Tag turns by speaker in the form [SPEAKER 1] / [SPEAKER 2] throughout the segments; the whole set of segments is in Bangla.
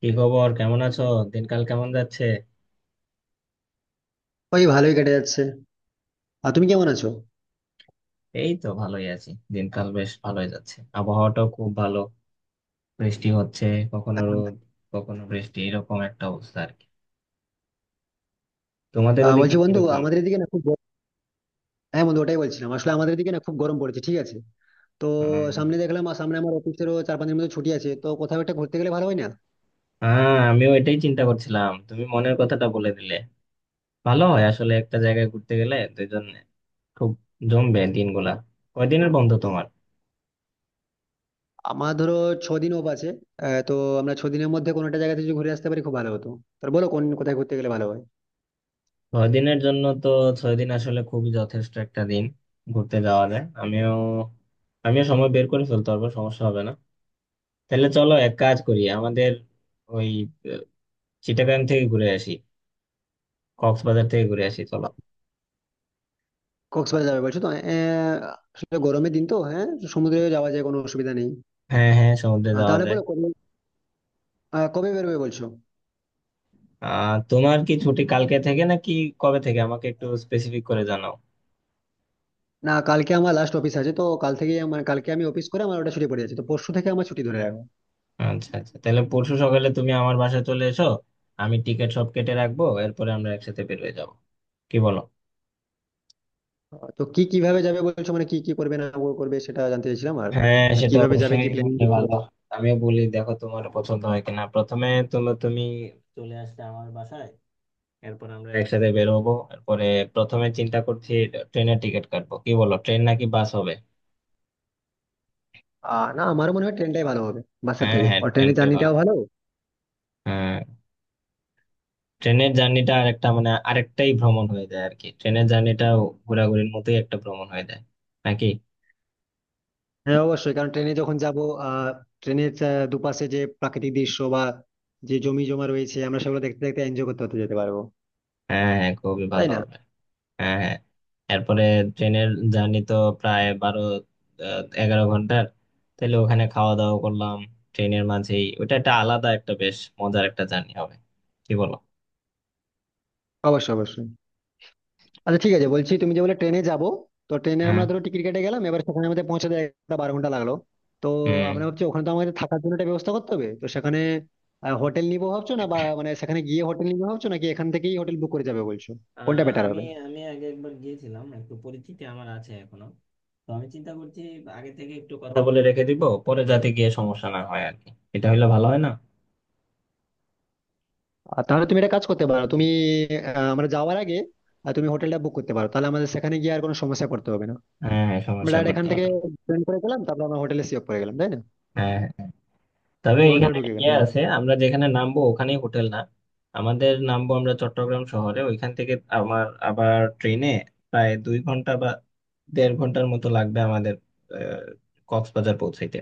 [SPEAKER 1] কি খবর, কেমন আছো? দিনকাল কেমন যাচ্ছে?
[SPEAKER 2] ওই ভালোই কেটে যাচ্ছে। আর তুমি কেমন আছো?
[SPEAKER 1] এই তো ভালোই আছি। দিনকাল বেশ ভালোই যাচ্ছে, আবহাওয়াটাও খুব ভালো। বৃষ্টি হচ্ছে, কখনো রোদ, কখনো বৃষ্টি, এরকম একটা অবস্থা আর কি। তোমাদের ওদিকে
[SPEAKER 2] বলছি বন্ধু,
[SPEAKER 1] কিরকম?
[SPEAKER 2] আমাদের এদিকে না খুব হ্যাঁ বন্ধু, ওটাই বলছিলাম, আসলে আমাদের এদিকে না খুব গরম পড়েছে, ঠিক আছে। তো
[SPEAKER 1] উম,
[SPEAKER 2] সামনে দেখলাম, আর সামনে আমার অফিসেরও 4-5 দিনের মতো ছুটি আছে, তো কোথাও একটা ঘুরতে গেলে ভালো হয় না?
[SPEAKER 1] হ্যাঁ, আমিও এটাই চিন্তা করছিলাম, তুমি মনের কথাটা বলে দিলে। ভালো হয় আসলে একটা জায়গায় ঘুরতে গেলে দুইজন। খুব জমবে দিনগুলা। কয়দিনের বন্ধ তোমার?
[SPEAKER 2] আমার ধরো 6 দিন অফ আছে। তো আমরা 6 দিনের মধ্যে কোনো একটা জায়গাতে যদি ঘুরে আসতে পারি খুব ভালো হতো। তো বলো কোন কোথায় ঘুরতে গেলে ভালো হয়?
[SPEAKER 1] 6 দিনের জন্য তো? 6 দিন আসলে খুবই যথেষ্ট একটা দিন ঘুরতে যাওয়া যায়। আমিও, আমিও সময় বের করে ফেলতে পারবো, সমস্যা হবে না। তাহলে চলো এক কাজ করি, আমাদের ওই, আহ, চিটাগাং থেকে ঘুরে আসি, কক্সবাজার থেকে ঘুরে আসি চলো।
[SPEAKER 2] কক্সবাজার যাবে বলছো? তো আসলে গরমের দিন তো, হ্যাঁ, সমুদ্রে যাওয়া যায়, কোনো অসুবিধা নেই।
[SPEAKER 1] হ্যাঁ হ্যাঁ, সমুদ্রে যাওয়া
[SPEAKER 2] তাহলে
[SPEAKER 1] যায়।
[SPEAKER 2] বলো কবে, কবে বেরোবে বলছো?
[SPEAKER 1] তোমার কি ছুটি কালকে থেকে নাকি? কবে থেকে আমাকে একটু স্পেসিফিক করে জানাও।
[SPEAKER 2] না কালকে আমার লাস্ট অফিস আছে, তো কাল থেকে আমার কালকে আমি অফিস করে আমার ওটা ছুটি পড়ে যাচ্ছে, তো পরশু থেকে আমার ছুটি ধরে রাখো।
[SPEAKER 1] আচ্ছা আচ্ছা, তাহলে পরশু সকালে তুমি আমার বাসায় চলে এসো। আমি টিকিট সব কেটে রাখবো, এরপরে আমরা একসাথে বের হয়ে যাবো। কি বলো?
[SPEAKER 2] তো কি কিভাবে যাবে বলছো, মানে কি কি করবে না করবে সেটা জানতে চাইছিলাম। আর
[SPEAKER 1] হ্যাঁ,
[SPEAKER 2] আর
[SPEAKER 1] সেটা
[SPEAKER 2] কিভাবে যাবে,
[SPEAKER 1] অবশ্যই
[SPEAKER 2] কি প্ল্যানিং?
[SPEAKER 1] বললে ভালো। আমিও বলি, দেখো তোমার পছন্দ হয় কিনা। প্রথমে তুমি তুমি চলে আসলে আমার বাসায়, এরপর আমরা একসাথে বের হবো। এরপরে প্রথমে চিন্তা করছি ট্রেনের টিকিট কাটবো, কি বলো? ট্রেন নাকি বাস হবে?
[SPEAKER 2] না, আমার মনে হয় ট্রেনটাই ভালো হবে বাসের
[SPEAKER 1] হ্যাঁ
[SPEAKER 2] থেকে,
[SPEAKER 1] হ্যাঁ,
[SPEAKER 2] আর ট্রেনের
[SPEAKER 1] ট্রেনটাই ভালো।
[SPEAKER 2] জার্নিটাও ভালো।
[SPEAKER 1] হ্যাঁ। ট্রেনের জার্নিটা আরেকটা, মানে আরেকটাই ভ্রমণ হয়ে যায় আর কি, ট্রেনের জার্নিটা ঘোরাঘুরির মতোই একটা ভ্রমণ হয়ে যায়, নাকি?
[SPEAKER 2] হ্যাঁ অবশ্যই, কারণ ট্রেনে যখন যাব আহ ট্রেনের দুপাশে যে প্রাকৃতিক দৃশ্য বা যে জমি জমা রয়েছে, আমরা সেগুলো দেখতে দেখতে এনজয় করতে করতে যেতে পারবো।
[SPEAKER 1] হ্যাঁ হ্যাঁ, খুবই
[SPEAKER 2] তাই
[SPEAKER 1] ভালো
[SPEAKER 2] না?
[SPEAKER 1] হবে। হ্যাঁ হ্যাঁ। এরপরে ট্রেনের জার্নি তো প্রায় 12, 11 ঘন্টার। তাহলে ওখানে খাওয়া দাওয়া করলাম ট্রেনের মাঝেই, ওটা একটা আলাদা, একটা বেশ মজার একটা জার্নি হবে। কি বলো?
[SPEAKER 2] অবশ্যই, অবশ্যই। আচ্ছা ঠিক আছে, বলছি তুমি যে বলে ট্রেনে যাব, তো ট্রেনে
[SPEAKER 1] হ্যাঁ।
[SPEAKER 2] আমরা ধরো টিকিট কেটে গেলাম, এবার সেখানে আমাদের পৌঁছাতে একটা 12 ঘন্টা লাগলো। তো
[SPEAKER 1] হুম।
[SPEAKER 2] আমরা ভাবছি ওখানে তো আমাদের থাকার জন্য একটা ব্যবস্থা করতে হবে, তো সেখানে হোটেল নিবো ভাবছো না, বা মানে সেখানে গিয়ে হোটেল নিবো ভাবছো নাকি এখান থেকেই হোটেল বুক করে যাবে বলছো? কোনটা বেটার
[SPEAKER 1] আমি,
[SPEAKER 2] হবে?
[SPEAKER 1] আমি আগে একবার গিয়েছিলাম, একটু পরিচিতি আমার আছে এখনো। তো আমি চিন্তা করছি আগে থেকে একটু কথা বলে রেখে দিব, পরে যাতে গিয়ে সমস্যা না হয় আর কি। এটা হলে ভালো হয় না?
[SPEAKER 2] আর তাহলে তুমি একটা কাজ করতে পারো, তুমি আমরা যাওয়ার আগে তুমি হোটেলটা বুক করতে পারো, তাহলে আমাদের সেখানে গিয়ে আর কোনো সমস্যা করতে হবে না।
[SPEAKER 1] হ্যাঁ হ্যাঁ,
[SPEAKER 2] আমরা
[SPEAKER 1] সমস্যায়
[SPEAKER 2] ডাইরেক্ট এখান
[SPEAKER 1] পড়তে
[SPEAKER 2] থেকে
[SPEAKER 1] হবে না।
[SPEAKER 2] ট্রেন করে গেলাম, তারপর আমরা হোটেলে সিওর করে গেলাম, তাই না?
[SPEAKER 1] হ্যাঁ হ্যাঁ। হ্যাঁ। তবে
[SPEAKER 2] হোটেলে
[SPEAKER 1] এখানে
[SPEAKER 2] ঢুকে গেলাম,
[SPEAKER 1] ইয়ে
[SPEAKER 2] হ্যাঁ।
[SPEAKER 1] আছে, আমরা যেখানে নামবো ওখানেই হোটেল না। আমাদের নামবো আমরা চট্টগ্রাম শহরে, ওইখান থেকে আমার আবার ট্রেনে প্রায় 2 ঘন্টা বা 1.5 ঘন্টার মতো লাগবে আমাদের, আহ, কক্সবাজার পৌঁছাইতে।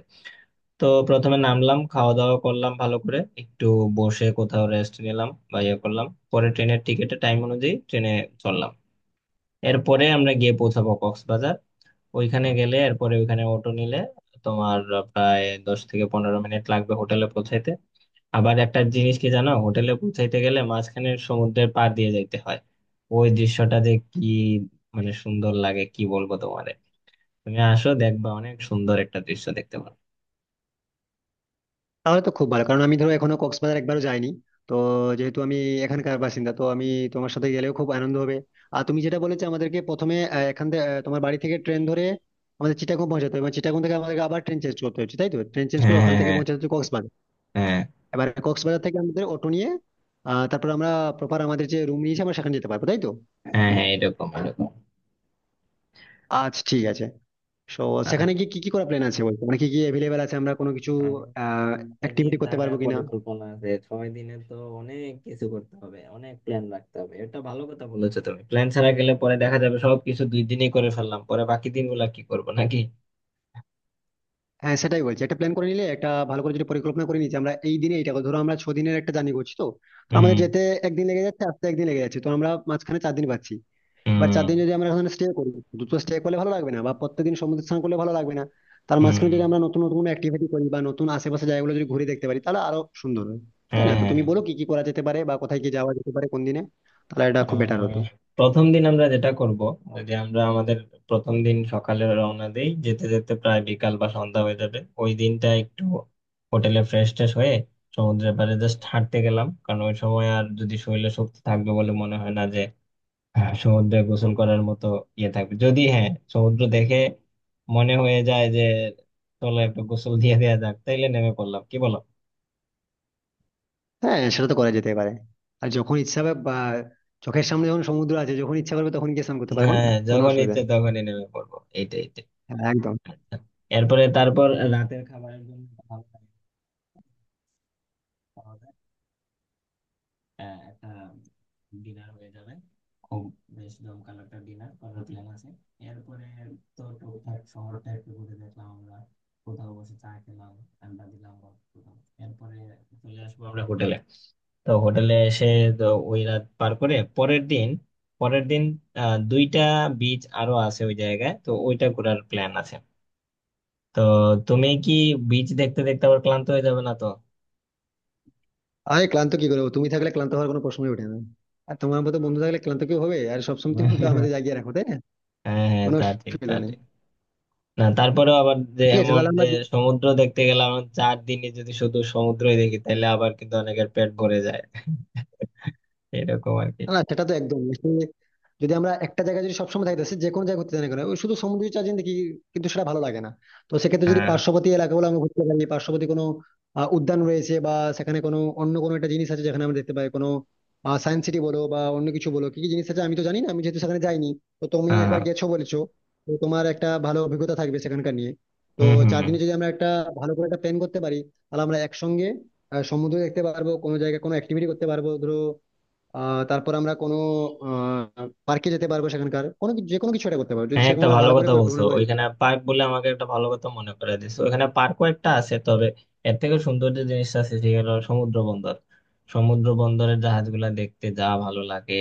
[SPEAKER 1] তো প্রথমে নামলাম, খাওয়া দাওয়া করলাম ভালো করে, একটু বসে কোথাও রেস্ট নিলাম বা ইয়ে করলাম। পরে ট্রেনের টিকিটের টাইম অনুযায়ী ট্রেনে চললাম। এরপরে আমরা গিয়ে পৌঁছাবো কক্সবাজার। ওইখানে গেলে এরপরে ওইখানে অটো নিলে তোমার প্রায় 10 থেকে 15 মিনিট লাগবে হোটেলে পৌঁছাইতে। আবার একটা জিনিস কি জানো, হোটেলে পৌঁছাইতে গেলে মাঝখানে সমুদ্রের পাড় দিয়ে যাইতে হয়। ওই দৃশ্যটা যে কি মানে সুন্দর লাগে, কি বলবো তোমারে। তুমি আসো, দেখবা অনেক সুন্দর একটা দৃশ্য দেখতে পারো।
[SPEAKER 2] তাহলে তো খুব ভালো, কারণ আমি ধরো এখনো কক্সবাজার একবারও যাইনি। তো যেহেতু আমি এখানকার বাসিন্দা, তো আমি তোমার সাথে গেলেও খুব আনন্দ হবে। আর তুমি যেটা বলেছো আমাদেরকে প্রথমে এখান থেকে তোমার বাড়ি থেকে ট্রেন ধরে আমাদের চিটাগং পৌঁছাতে হবে, মানে চিটাগং থেকে আমাদেরকে আবার ট্রেন চেঞ্জ করতে হচ্ছে তাই তো, ট্রেন চেঞ্জ করে
[SPEAKER 1] হ্যাঁ
[SPEAKER 2] ওখান
[SPEAKER 1] হ্যাঁ
[SPEAKER 2] থেকে
[SPEAKER 1] হ্যাঁ।
[SPEAKER 2] পৌঁছাতে হচ্ছে কক্সবাজার।
[SPEAKER 1] হ্যাঁ।
[SPEAKER 2] এবার কক্সবাজার থেকে আমাদের অটো নিয়ে তারপর আমরা প্রপার আমাদের যে রুম নিয়েছি আমরা সেখানে যেতে পারবো, তাই তো?
[SPEAKER 1] হ্যাঁ হ্যাঁ, এরকম এরকম।
[SPEAKER 2] আচ্ছা, ঠিক আছে। সো,
[SPEAKER 1] আহ,
[SPEAKER 2] সেখানে গিয়ে কি কি করা প্ল্যান আছে বলতো, মানে কি কি অ্যাভেলেবেল আছে, আমরা কোনো কিছু
[SPEAKER 1] আহ,
[SPEAKER 2] আহ
[SPEAKER 1] ছয় দিন
[SPEAKER 2] অ্যাক্টিভিটি করতে
[SPEAKER 1] থাকার
[SPEAKER 2] পারবো কিনা?
[SPEAKER 1] পরিকল্পনা আছে, ছয় দিনে তো অনেক কিছু করতে হবে, অনেক প্ল্যান রাখতে হবে। এটা ভালো কথা বলেছো তুমি, প্ল্যান ছাড়া গেলে পরে দেখা যাবে সবকিছু 2 দিনেই করে ফেললাম, পরে বাকি দিনগুলা কি করবো নাকি।
[SPEAKER 2] হ্যাঁ সেটাই বলছি, একটা প্ল্যান করে নিলে, একটা ভালো করে যদি পরিকল্পনা করে নিচ্ছি আমরা এই দিনে এইটা করবো। ধরো আমরা 6 দিনের একটা জার্নি করছি, তো তো
[SPEAKER 1] হুম
[SPEAKER 2] আমাদের যেতে একদিন লেগে যাচ্ছে, আসতে একদিন লেগে যাচ্ছে, তো আমরা মাঝখানে 4 দিন পাচ্ছি। এবার চার
[SPEAKER 1] হুম
[SPEAKER 2] দিন যদি আমরা ওখানে স্টে করি, দুটো স্টে করলে ভালো লাগবে না, বা প্রত্যেকদিন সমুদ্র স্নান করলে ভালো লাগবে না, তার মাঝখানে যদি
[SPEAKER 1] হুম।
[SPEAKER 2] আমরা নতুন নতুন অ্যাক্টিভিটি করি বা নতুন আশেপাশে জায়গাগুলো যদি ঘুরে দেখতে পারি তাহলে আরো সুন্দর হয়, তাই
[SPEAKER 1] হ্যাঁ
[SPEAKER 2] না? তো
[SPEAKER 1] হ্যাঁ
[SPEAKER 2] তুমি
[SPEAKER 1] হ্যাঁ।
[SPEAKER 2] বলো কি কি করা যেতে পারে বা কোথায় কি যাওয়া যেতে পারে কোন দিনে, তাহলে এটা খুব বেটার
[SPEAKER 1] আহ,
[SPEAKER 2] হতো।
[SPEAKER 1] প্রথম দিন আমরা যেটা করব যে আমরা আমাদের প্রথম দিন সকালে রওনা দেই, যেতে যেতে প্রায় বিকাল বা সন্ধ্যা হয়ে যাবে। ওই দিনটা একটু হোটেলে ফ্রেশ ট্রেশ হয়ে সমুদ্রের পাড়ে জাস্ট হাঁটতে গেলাম, কারণ ওই সময় আর যদি শরীরে শক্তি থাকবে বলে মনে হয় না যে সমুদ্রে গোসল করার মতো ইয়ে থাকবে। যদি হ্যাঁ, সমুদ্র দেখে মনে হয়ে যায় যে চলো একটু গোসল দিয়ে দেওয়া যাক, তাইলে নেমে পড়লাম, কি বলো?
[SPEAKER 2] হ্যাঁ সেটা তো করা যেতে পারে, আর যখন ইচ্ছা হবে বা চোখের সামনে যখন সমুদ্র আছে, যখন ইচ্ছা করবে তখন গিয়ে স্নান করতে পারবো না?
[SPEAKER 1] হ্যাঁ,
[SPEAKER 2] কোনো
[SPEAKER 1] যখন
[SPEAKER 2] অসুবিধা
[SPEAKER 1] ইচ্ছে
[SPEAKER 2] নেই।
[SPEAKER 1] তখনই নেমে পড়বো, এইটাই।
[SPEAKER 2] হ্যাঁ, একদম।
[SPEAKER 1] এরপরে তারপর রাতের খাবারের জন্য একটা ভালো তারিখ পাওয়া যায়, একটা ডিনার হয়ে যাবে। খুব বেশ জমকালো একটা ডিনার করার প্ল্যান আছে। এরপরে তো টুকটাক শহরটা একটু ঘুরে দেখলাম আমরা, কোথাও বসে চা খেলাম, আড্ডা দিলাম বা কোথাও। এরপরে চলে আসবো আমরা হোটেলে। তো হোটেলে এসে, তো ওই রাত পার করে পরের দিন, দুইটা বিচ আরো আছে ওই জায়গায়, তো ওইটা ঘোরার প্ল্যান আছে। তো তুমি কি বিচ দেখতে দেখতে আবার ক্লান্ত হয়ে যাবে না তো?
[SPEAKER 2] আরে ক্লান্ত কি করবো, তুমি থাকলে ক্লান্ত হওয়ার কোনো প্রশ্নই ওঠে না, আর তোমার মতো বন্ধু থাকলে ক্লান্ত কেউ হবে, আর সবসময় তুমি তো আমাদের জাগিয়ে রাখো, তাই না?
[SPEAKER 1] হ্যাঁ হ্যাঁ,
[SPEAKER 2] কোনো
[SPEAKER 1] তা ঠিক তা
[SPEAKER 2] অসুবিধা নেই।
[SPEAKER 1] ঠিক। না, তারপরেও আবার যে
[SPEAKER 2] ঠিক আছে
[SPEAKER 1] এমন
[SPEAKER 2] তাহলে
[SPEAKER 1] যে
[SPEAKER 2] আমরা,
[SPEAKER 1] সমুদ্র দেখতে গেলাম, 4 দিনে যদি শুধু সমুদ্রই দেখি তাহলে আবার কিন্তু অনেকের পেট ভরে যায়। এরকম আর কি।
[SPEAKER 2] না না, সেটা তো একদম আসলে যদি আমরা একটা জায়গায় যদি সবসময় থাকতেছি, যে কোনো জায়গায় ঘুরতে যাই না কেন, ওই শুধু সমুদ্রের চারদিন দেখি কিন্তু সেটা ভালো লাগে না। তো সেক্ষেত্রে যদি
[SPEAKER 1] হ্যাঁ
[SPEAKER 2] পার্শ্ববর্তী এলাকাগুলো আমরা ঘুরতে পারি, পার্শ্ববর্তী কোনো উদ্যান রয়েছে বা সেখানে কোনো অন্য কোনো একটা জিনিস আছে যেখানে আমরা দেখতে পাই, কোনো সায়েন্স সিটি বলো বা অন্য কিছু বলো, কি কি জিনিস আছে আমি তো জানি না, আমি যেহেতু সেখানে যাইনি, তো তুমি
[SPEAKER 1] হ্যাঁ
[SPEAKER 2] একবার
[SPEAKER 1] হ্যাঁ।
[SPEAKER 2] গেছো বলেছো, তো তোমার একটা ভালো অভিজ্ঞতা থাকবে সেখানকার নিয়ে। তো
[SPEAKER 1] হম হম
[SPEAKER 2] চার
[SPEAKER 1] হম।
[SPEAKER 2] দিনে যদি আমরা একটা ভালো করে একটা প্ল্যান করতে পারি, তাহলে আমরা একসঙ্গে সমুদ্র দেখতে পারবো, কোনো জায়গায় কোনো অ্যাক্টিভিটি করতে পারবো ধরো, তারপর আমরা কোনো পার্কে যেতে পারবো, সেখানকার কোনো যে কোনো কিছু একটা করতে পারবো যদি
[SPEAKER 1] হ্যাঁ,
[SPEAKER 2] সেরকম
[SPEAKER 1] একটা
[SPEAKER 2] আমরা
[SPEAKER 1] ভালো
[SPEAKER 2] ভালো করে
[SPEAKER 1] কথা বলছো,
[SPEAKER 2] পরিকল্পনা করে যেতে
[SPEAKER 1] ওইখানে
[SPEAKER 2] পারি।
[SPEAKER 1] পার্ক বলে আমাকে একটা ভালো কথা মনে করে দিছো। ওইখানে পার্কও একটা আছে, তবে এর থেকে সুন্দর যে জিনিসটা আছে সেটা হলো সমুদ্র বন্দর। সমুদ্র বন্দরের জাহাজগুলা দেখতে যা ভালো লাগে,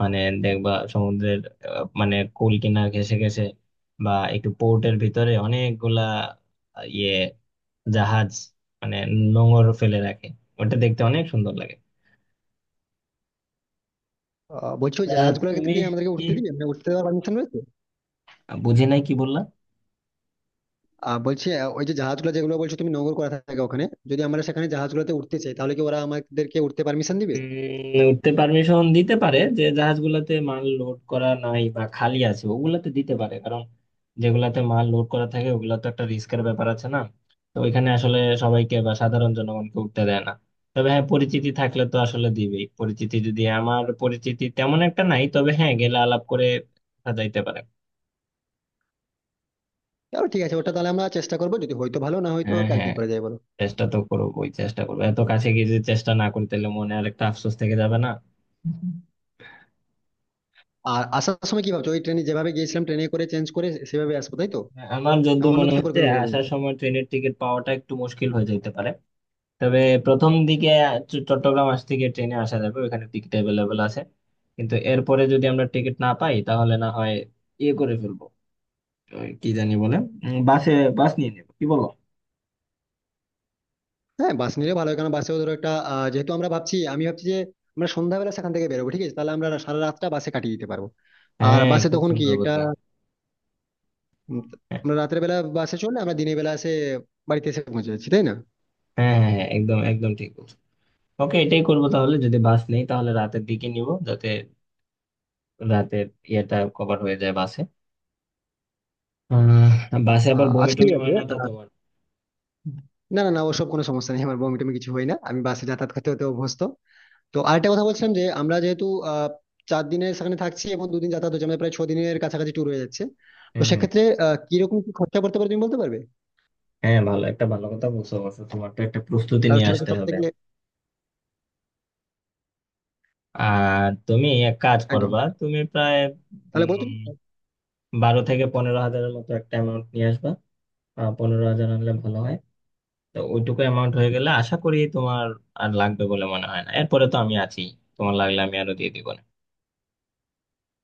[SPEAKER 1] মানে দেখবা সমুদ্রের মানে কুল কিনার ঘেঁষে ঘেঁষে বা একটু পোর্টের ভিতরে অনেকগুলা ইয়ে জাহাজ মানে নোঙর ফেলে রাখে। ওটা দেখতে অনেক সুন্দর লাগে।
[SPEAKER 2] বলছি, ওই
[SPEAKER 1] তা
[SPEAKER 2] জাহাজগুলোকে
[SPEAKER 1] তুমি
[SPEAKER 2] কি আমাদেরকে
[SPEAKER 1] কি
[SPEAKER 2] উঠতে দিবে, মানে উঠতে দেওয়ার পারমিশন রয়েছে?
[SPEAKER 1] বুঝি নাই কি বললা।
[SPEAKER 2] বলছি ওই যে জাহাজগুলো যেগুলো বলছো তুমি নোঙর করা থাকে ওখানে, যদি আমরা সেখানে জাহাজগুলোতে উঠতে চাই তাহলে কি ওরা আমাদেরকে উঠতে পারমিশন দিবে?
[SPEAKER 1] উঠতে পারমিশন দিতে পারে, যে জাহাজগুলাতে মাল লোড করা নাই বা খালি আছে ওগুলাতে দিতে পারে, কারণ যেগুলাতে মাল লোড করা থাকে ওগুলা তো একটা রিস্কের ব্যাপার আছে না। তো ওইখানে আসলে সবাইকে বা সাধারণ জনগণকে উঠতে দেয় না। তবে হ্যাঁ, পরিচিতি থাকলে তো আসলে দিবেই, পরিচিতি যদি, আমার পরিচিতি তেমন একটা নাই, তবে হ্যাঁ গেলে আলাপ করে যাইতে পারে।
[SPEAKER 2] তাহলে ঠিক আছে, ওটা তাহলে আমরা চেষ্টা করবো, যদি হয়তো ভালো না হয়তো
[SPEAKER 1] হ্যাঁ
[SPEAKER 2] আর কি
[SPEAKER 1] হ্যাঁ,
[SPEAKER 2] করা যায় বলো।
[SPEAKER 1] চেষ্টা তো করবোই, চেষ্টা করবো। এত কাছে গিয়ে যদি চেষ্টা না করি তাহলে মনে আর একটা আফসোস থেকে যাবে না।
[SPEAKER 2] আর আসার সময় কি ভাবছো, ওই ট্রেনে যেভাবে গিয়েছিলাম ট্রেনে করে চেঞ্জ করে সেভাবে আসবো তাই তো,
[SPEAKER 1] আমার
[SPEAKER 2] না
[SPEAKER 1] যতদূর
[SPEAKER 2] অন্য
[SPEAKER 1] মনে
[SPEAKER 2] কিছু
[SPEAKER 1] হচ্ছে
[SPEAKER 2] পরিকল্পনা করবো?
[SPEAKER 1] আসার সময় ট্রেনের টিকিট পাওয়াটা একটু মুশকিল হয়ে যেতে পারে। তবে প্রথম দিকে চট্টগ্রাম আসতে গিয়ে ট্রেনে আসা যাবে, ওখানে টিকিট অ্যাভেলেবেল আছে। কিন্তু এরপরে যদি আমরা টিকিট না পাই তাহলে না হয় ইয়ে করে ফেলবো, ওই কি জানি বলে, বাসে, বাস নিয়ে নেবো, কি বলো?
[SPEAKER 2] হ্যাঁ বাস নিলে ভালো হয়, কারণ বাসেও ধরো একটা যেহেতু আমরা ভাবছি, আমি ভাবছি যে আমরা সন্ধ্যাবেলা সেখান থেকে বেরোবো, ঠিক আছে তাহলে আমরা সারা রাতটা বাসে কাটিয়ে দিতে পারবো। আর
[SPEAKER 1] হ্যাঁ,
[SPEAKER 2] বাসে
[SPEAKER 1] খুব
[SPEAKER 2] তখন কি
[SPEAKER 1] সুন্দর
[SPEAKER 2] একটা
[SPEAKER 1] বুদ্ধি।
[SPEAKER 2] উম,
[SPEAKER 1] হ্যাঁ
[SPEAKER 2] আমরা রাতের বেলা বাসে চললে আমরা দিনের বেলা এসে বাড়িতে এসে পৌঁছে যাচ্ছি, তাই না?
[SPEAKER 1] হ্যাঁ হ্যাঁ, হ্যাঁ, একদম একদম ঠিক বলছো। ওকে, এটাই করবো তাহলে। যদি বাস নেই তাহলে রাতের দিকে নিব, যাতে রাতের ইয়েটা কভার হয়ে যায় বাসে। আহ, বাসে আবার বমি
[SPEAKER 2] আচ্ছা ঠিক
[SPEAKER 1] টমি হয়
[SPEAKER 2] আছে,
[SPEAKER 1] না তো তোমার?
[SPEAKER 2] না না না, ওসব কোনো সমস্যা নেই, আমার বমি টমি কিছু হয় না, আমি বাসে যাতায়াত করতে হতে অভ্যস্ত। তো আরেকটা কথা বলছিলাম যে আমরা যেহেতু আহ 4 দিনের সেখানে থাকছি এবং দুদিন যাতায়াত হচ্ছে, আমাদের প্রায় 6 দিনের কাছাকাছি ট্যুর হয়ে যাচ্ছে। তো
[SPEAKER 1] হ্যাঁ হ্যাঁ
[SPEAKER 2] সেক্ষেত্রে কিরকম কি খরচা পড়তে পারে তুমি বলতে পারবে?
[SPEAKER 1] হ্যাঁ, ভালো, একটা ভালো কথা বলছো অবশ্য, তোমার তো একটা প্রস্তুতি
[SPEAKER 2] কারণ
[SPEAKER 1] নিয়ে
[SPEAKER 2] সেটা তো
[SPEAKER 1] আসতে
[SPEAKER 2] সব
[SPEAKER 1] হবে।
[SPEAKER 2] থেকে,
[SPEAKER 1] আর তুমি এক কাজ
[SPEAKER 2] একদম।
[SPEAKER 1] করবা, তুমি প্রায়
[SPEAKER 2] তাহলে বলো
[SPEAKER 1] উম
[SPEAKER 2] তুমি।
[SPEAKER 1] 12 থেকে 15 হাজারের মতো একটা অ্যামাউন্ট নিয়ে আসবা। 15 হাজার আনলে ভালো হয়। তো ওইটুকু অ্যামাউন্ট হয়ে গেলে আশা করি তোমার আর লাগবে বলে মনে হয় না। এরপরে তো আমি আছি, তোমার লাগলে আমি আরো দিয়ে দিব না।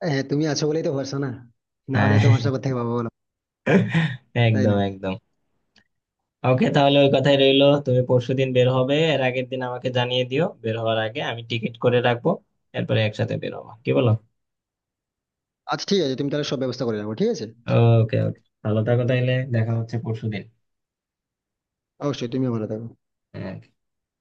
[SPEAKER 2] হ্যাঁ তুমি আছো বলেই তো ভরসা না, না হলে তো ভরসা
[SPEAKER 1] হ্যাঁ,
[SPEAKER 2] কোথা থেকে পাবো বলো? তাই
[SPEAKER 1] একদম
[SPEAKER 2] না?
[SPEAKER 1] একদম। ওকে, তাহলে ওই কথাই রইলো। তুমি পরশুদিন বের হবে, এর আগের দিন আমাকে জানিয়ে দিও, বের হওয়ার আগে আমি টিকিট করে রাখবো। এরপরে একসাথে বের হবো, কি বলো?
[SPEAKER 2] আচ্ছা ঠিক আছে, তুমি তাহলে সব ব্যবস্থা করে রাখো, ঠিক আছে।
[SPEAKER 1] ওকে ওকে, ভালো থাকো তাইলে, দেখা হচ্ছে পরশুদিন।
[SPEAKER 2] অবশ্যই, তুমিও ভালো থাকো।
[SPEAKER 1] হ্যাঁ।